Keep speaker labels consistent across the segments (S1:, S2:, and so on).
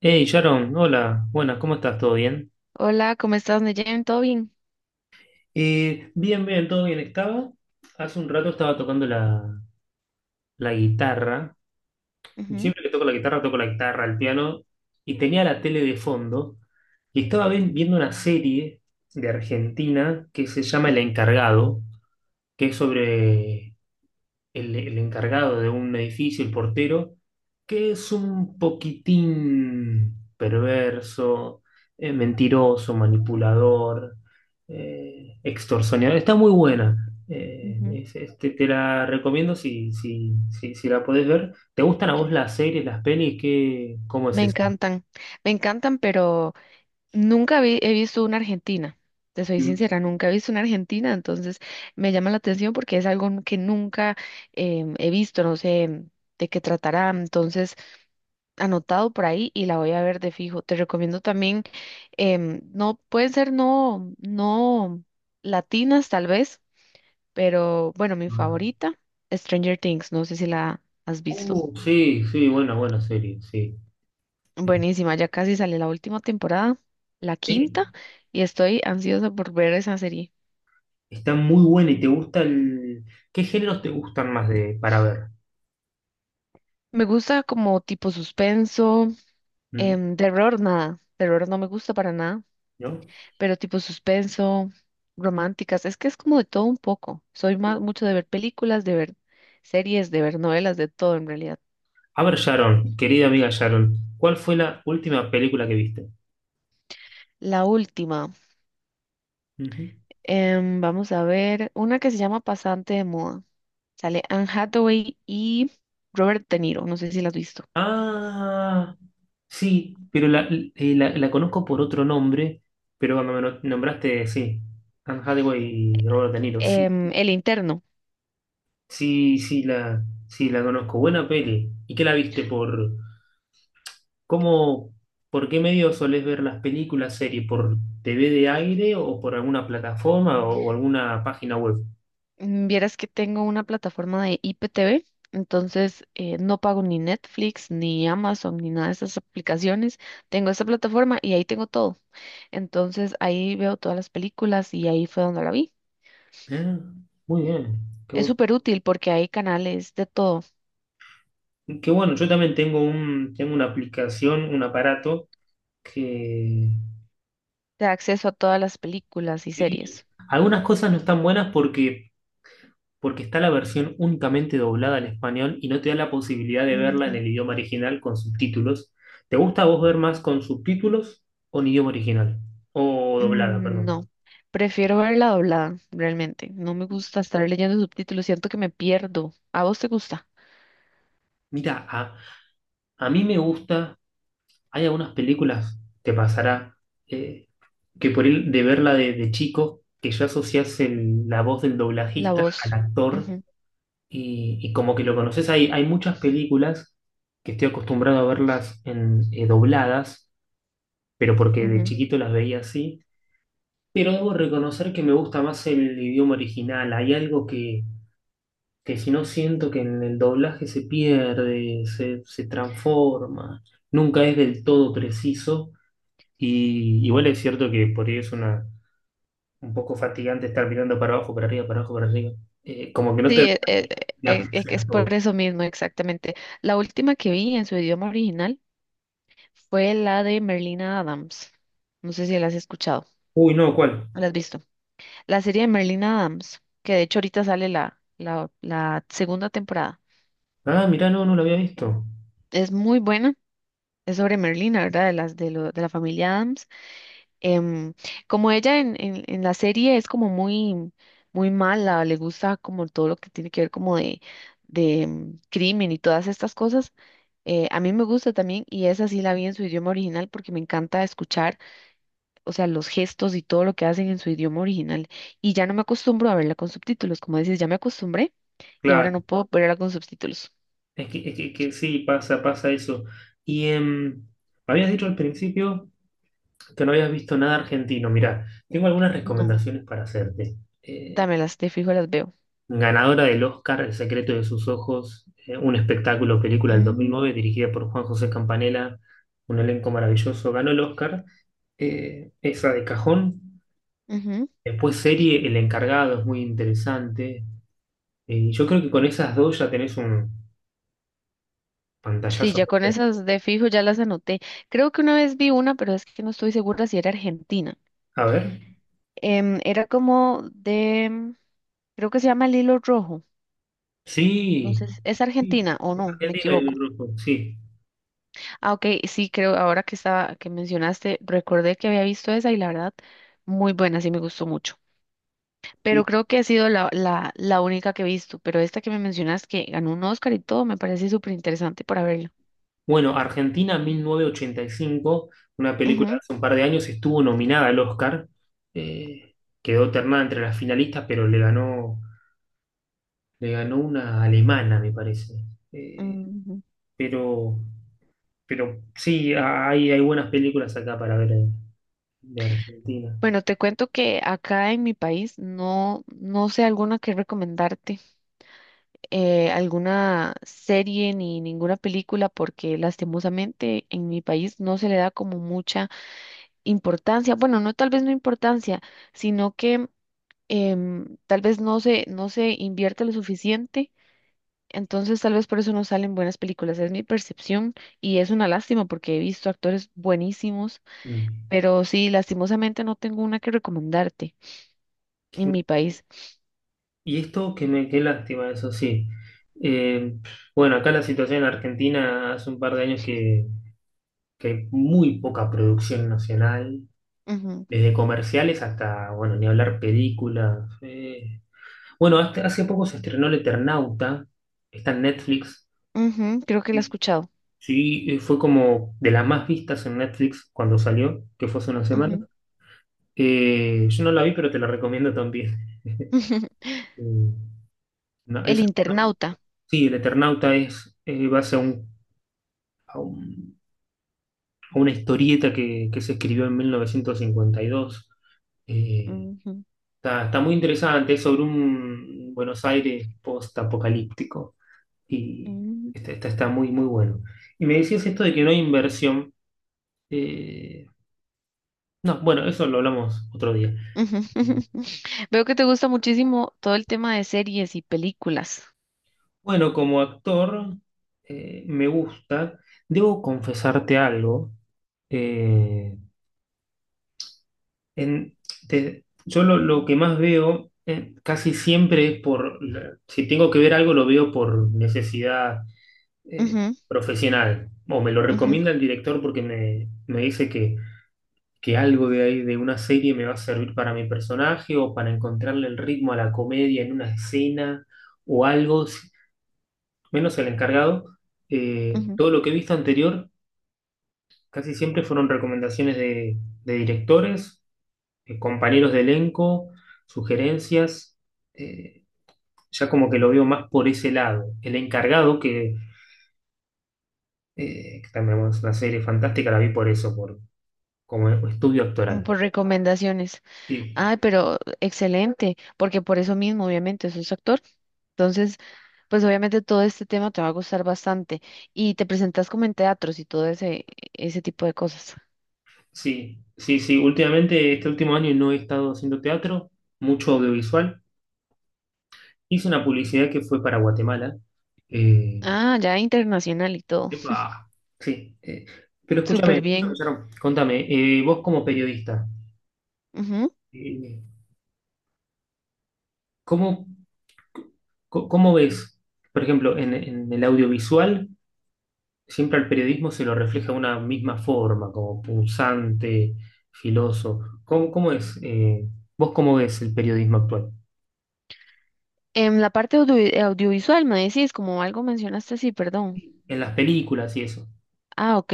S1: Hey Sharon, hola, buenas, ¿cómo estás? ¿Todo bien?
S2: Hola, ¿cómo estás, Neyen? ¿Todo bien?
S1: Bien, bien, todo bien. Hace un rato estaba tocando la guitarra.
S2: Ujú,
S1: Siempre que toco la guitarra, el piano, y tenía la tele de fondo, y estaba viendo una serie de Argentina que se llama El Encargado, que es sobre el encargado de un edificio, el portero, que es un poquitín perverso, mentiroso, manipulador, extorsionador. Está muy buena.
S2: ujú.
S1: Te la recomiendo si la podés ver. ¿Te gustan a vos las series, las pelis? ¿Qué, cómo es
S2: Me
S1: eso?
S2: encantan, me encantan, pero nunca vi- he visto una Argentina. Te soy
S1: Mm.
S2: sincera, nunca he visto una Argentina, entonces me llama la atención porque es algo que nunca he visto, no sé de qué tratará. Entonces, anotado por ahí y la voy a ver de fijo. Te recomiendo también, no pueden ser no latinas tal vez, pero bueno, mi favorita, Stranger Things, no sé si la has visto.
S1: Sí, sí, buena, buena serie, sí.
S2: Buenísima, ya casi sale la última temporada, la quinta,
S1: Eh,
S2: y estoy ansiosa por ver esa serie.
S1: está muy buena y te gusta el... ¿Qué géneros te gustan más de para ver?
S2: Me gusta como tipo suspenso,
S1: ¿Mm?
S2: terror nada, terror no me gusta para nada,
S1: ¿No?
S2: pero tipo suspenso, románticas, es que es como de todo un poco. Soy más mucho de ver películas, de ver series, de ver novelas, de todo en realidad.
S1: A ver, Sharon, querida amiga Sharon, ¿cuál fue la última película que viste?
S2: La última,
S1: Ujú.
S2: vamos a ver una que se llama Pasante de Moda. Sale Anne Hathaway y Robert De Niro, no sé si la has visto.
S1: Ah, sí, pero la conozco por otro nombre, pero cuando me nombraste, sí, Anne Hathaway y Robert De Niro, sí,
S2: El interno.
S1: sí, sí, sí, la conozco. Buena peli. ¿Y qué la viste cómo, por qué medio solés ver las películas, series? ¿Por TV de aire o por alguna plataforma o alguna página web?
S2: Mm, vieras que tengo una plataforma de IPTV, entonces no pago ni Netflix, ni Amazon, ni nada de esas aplicaciones. Tengo esa plataforma y ahí tengo todo. Entonces ahí veo todas las películas y ahí fue donde la vi.
S1: Ah, muy bien, qué
S2: Es
S1: bueno.
S2: súper útil porque hay canales de todo,
S1: que bueno, yo también tengo tengo una aplicación, un aparato que
S2: de acceso a todas las películas y
S1: y
S2: series.
S1: algunas cosas no están buenas porque, porque está la versión únicamente doblada al español y no te da la posibilidad de verla en
S2: Ujú.
S1: el idioma original con subtítulos. ¿Te gusta a vos ver más con subtítulos o en idioma original? O doblada,
S2: Mm,
S1: perdón.
S2: no, prefiero verla doblada, realmente. No me gusta estar leyendo subtítulos, siento que me pierdo. ¿A vos te gusta?
S1: Mira, a, a mí me gusta, hay algunas películas, te pasará, eh, que por el de verla de chico, que ya asocias la voz del
S2: La
S1: doblajista al
S2: voz.
S1: actor
S2: Ujú,
S1: y como que lo conoces, hay muchas películas que estoy acostumbrado a verlas dobladas, pero porque de
S2: ujú.
S1: chiquito las veía así. Pero debo reconocer que me gusta más el idioma original. Hay algo que si no siento que en el doblaje se pierde, se transforma, nunca es del todo preciso. Y igual es cierto que por ahí es un poco fatigante estar mirando para abajo, para arriba, para abajo, para arriba. Como que no
S2: Sí,
S1: te de
S2: es, que es
S1: apreciar
S2: por
S1: todo.
S2: eso mismo, exactamente. La última que vi en su idioma original fue la de Merlina Adams. No sé si la has escuchado,
S1: Uy, no, ¿cuál?
S2: o la has visto. La serie de Merlina Adams, que de hecho ahorita sale la segunda temporada.
S1: Ah, mirá, no, no lo había visto.
S2: Es muy buena. Es sobre Merlina, ¿verdad? De las de, de la familia Adams. Em, como ella en la serie es como muy, muy mala, le gusta como todo lo que tiene que ver como de crimen y todas estas cosas. A mí me gusta también y esa sí la vi en su idioma original porque me encanta escuchar, o sea, los gestos y todo lo que hacen en su idioma original. Y ya no me acostumbro a verla con subtítulos, como dices, ya me acostumbré y ahora
S1: Claro,
S2: no puedo verla con subtítulos.
S1: es que, es que sí, pasa, pasa eso. Y habías dicho al principio que no habías visto nada argentino. Mirá, tengo algunas
S2: No,
S1: recomendaciones para hacerte. Eh,
S2: dámelas, de fijo las veo.
S1: ganadora del Oscar, El secreto de sus ojos, un espectáculo, película del dos mil
S2: Mm,
S1: nueve, dirigida por Juan José Campanella, un elenco maravilloso, ganó el Oscar. Esa de cajón.
S2: ujú.
S1: Después serie El encargado, es muy interesante. Y yo creo que con esas dos ya tenés un
S2: Sí,
S1: pantallazo.
S2: ya con esas de fijo ya las anoté. Creo que una vez vi una, pero es que no estoy segura si era Argentina.
S1: A ver.
S2: Era como de, creo que se llama El Hilo Rojo. No
S1: Sí.
S2: sé, ¿es
S1: Sí.
S2: Argentina o
S1: Es
S2: no? Me
S1: Argentino el
S2: equivoco.
S1: rojo, sí.
S2: Ah, ok, sí, creo, ahora que estaba, que mencionaste, recordé que había visto esa y la verdad, muy buena, sí me gustó mucho. Pero
S1: Sí.
S2: creo que ha sido la única que he visto, pero esta que me mencionas que ganó un Oscar y todo, me parece súper interesante para verla.
S1: Bueno, Argentina 1985, una película de
S2: Ujú,
S1: hace un par de años, estuvo nominada al Oscar. Eh, quedó ternada entre las finalistas, pero le ganó una alemana, me parece. Eh,
S2: ujú.
S1: pero, pero sí, hay buenas películas acá para ver de Argentina.
S2: Bueno, te cuento que acá en mi país no sé alguna que recomendarte, alguna serie ni ninguna película, porque lastimosamente en mi país no se le da como mucha importancia, bueno, no tal vez no importancia, sino que tal vez no se invierte lo suficiente, entonces tal vez por eso no salen buenas películas, es mi percepción y es una lástima porque he visto actores buenísimos,
S1: Mm.
S2: pero sí, lastimosamente no tengo una que recomendarte en mi país.
S1: Y esto que me, qué lástima, eso sí. Eh, bueno, acá la situación en Argentina hace un par de años que hay muy poca producción nacional,
S2: Ujú,
S1: desde comerciales hasta, bueno, ni hablar películas. Eh. Bueno, hace poco se estrenó El Eternauta, está en Netflix.
S2: ujú, creo que la he escuchado.
S1: Sí, fue como de las más vistas en Netflix cuando salió, que fue hace una semana.
S2: Ujú.
S1: Yo no la vi, pero te la recomiendo también.
S2: ujú.
S1: Eh, no,
S2: El
S1: esa-
S2: internauta.
S1: sí, El Eternauta es, va a ser un- a una historieta que se escribió en 1952. Eh,
S2: Ujú,
S1: está, está muy interesante, es sobre un Buenos Aires post-apocalíptico y
S2: ujú,
S1: está, está, está muy, muy bueno. Y me decías esto de que no hay inversión. Eh, no, bueno, eso lo hablamos otro día.
S2: ujú. Veo que te gusta muchísimo todo el tema de series y películas.
S1: Bueno, como actor, me gusta. Debo confesarte algo. Eh, en- yo lo que más veo casi siempre es si tengo que ver algo, lo veo por necesidad eh,
S2: Ujú,
S1: profesional. O me lo
S2: ujú.
S1: recomienda el director porque me dice que algo de ahí, de una serie, me va a servir para mi personaje o para encontrarle el ritmo a la comedia en una escena o algo, si- menos el encargado. Eh,
S2: Ujú,
S1: todo lo que he visto anterior casi siempre fueron recomendaciones de directores compañeros de elenco, sugerencias, eh, ya como que lo veo más por ese lado. El encargado, que también bueno, es una serie fantástica, la vi por eso, por, como estudio
S2: mm,
S1: actoral.
S2: por recomendaciones.
S1: Sí,
S2: Ay, pero excelente, porque por eso mismo, obviamente, sos actor. Entonces, pues obviamente todo este tema te va a gustar bastante. Y te presentas como en teatros y todo ese, ese tipo de cosas.
S1: sí, sí, sí. Últimamente, este último año no he estado haciendo teatro, mucho audiovisual. Hice una
S2: Sí.
S1: publicidad que fue para Guatemala. Eh,
S2: Ah, ya internacional y todo.
S1: epa, sí. Eh, pero
S2: Súper.
S1: escúchame,
S2: Sí,
S1: escúchame,
S2: bien.
S1: Sharon, contame, vos como periodista,
S2: Ujú.
S1: eh, ¿cómo ¿Cómo ves, por ejemplo, en el audiovisual, siempre al periodismo se lo refleja de una misma forma, como punzante, filoso? ¿Cómo, cómo es? Eh, ¿vos cómo ves el periodismo actual?
S2: En la parte audiovisual, me decís, como algo mencionaste, sí, perdón.
S1: En las películas y eso.
S2: Ah, ok.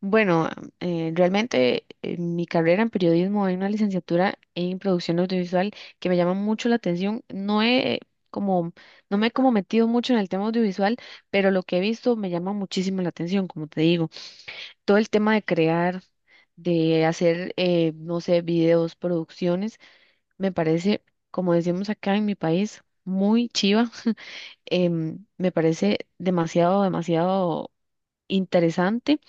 S2: Bueno, realmente mi carrera en periodismo hay una licenciatura en producción audiovisual que me llama mucho la atención. No he como, no me he como metido mucho en el tema audiovisual, pero lo que he visto me llama muchísimo la atención, como te digo. Todo el tema de crear, de hacer, no sé, videos, producciones, me parece, como decimos acá en mi país, muy chiva. Me parece demasiado, demasiado interesante,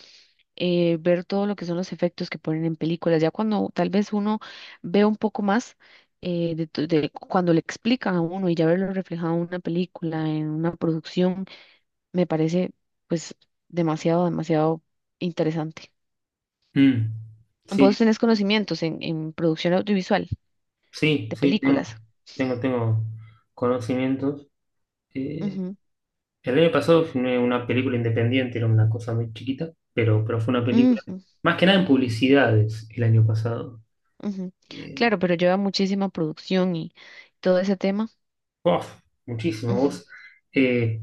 S2: ver todo lo que son los efectos que ponen en películas. Ya cuando tal vez uno ve un poco más, de, de cuando le explican a uno y ya verlo reflejado en una película, en una producción, me parece pues demasiado, demasiado interesante.
S1: Mm,
S2: ¿Vos
S1: sí,
S2: tenés conocimientos en producción audiovisual
S1: sí,
S2: de
S1: sí, tengo,
S2: películas?
S1: tengo, tengo conocimientos. Eh,
S2: Ujú,
S1: el año pasado filmé una película independiente, era una cosa muy chiquita, pero fue una película,
S2: ujú,
S1: más que nada en publicidades el año pasado.
S2: ujú.
S1: Eh,
S2: Claro, pero lleva muchísima producción y todo ese tema.
S1: Uf, muchísimo.
S2: Ujú,
S1: Vos eh,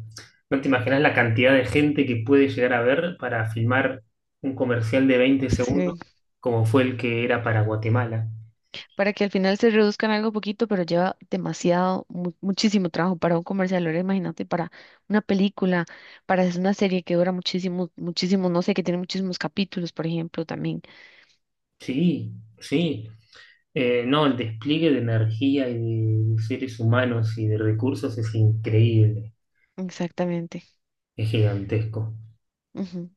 S1: no te imaginas la cantidad de gente que puede llegar a ver para filmar un comercial de 20 segundos
S2: sí,
S1: como fue el que era para Guatemala.
S2: para que al final se reduzcan algo poquito, pero lleva demasiado, muchísimo trabajo para un comercial. Ahora imagínate para una película, para hacer una serie que dura muchísimo, muchísimo, no sé, que tiene muchísimos capítulos, por ejemplo, también.
S1: Sí, sí. No, el despliegue de energía y de seres humanos y de recursos es increíble,
S2: Exactamente.
S1: es gigantesco.
S2: Ujú.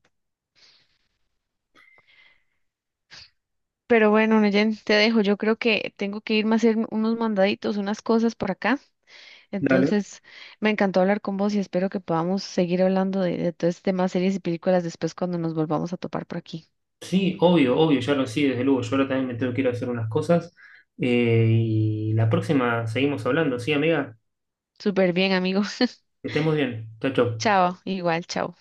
S2: Pero bueno, Neyen, te dejo. Yo creo que tengo que irme a hacer unos mandaditos, unas cosas por acá.
S1: Dale.
S2: Entonces, me encantó hablar con vos y espero que podamos seguir hablando de todo este tema, series y películas después cuando nos volvamos a topar por aquí.
S1: Sí, obvio, obvio, ya lo sí, desde luego. Yo ahora también me tengo que ir a hacer unas cosas. Y la próxima seguimos hablando, ¿sí, amiga?
S2: Súper bien, amigo.
S1: Que estemos bien. Chao, chao.
S2: Chao, igual, chao.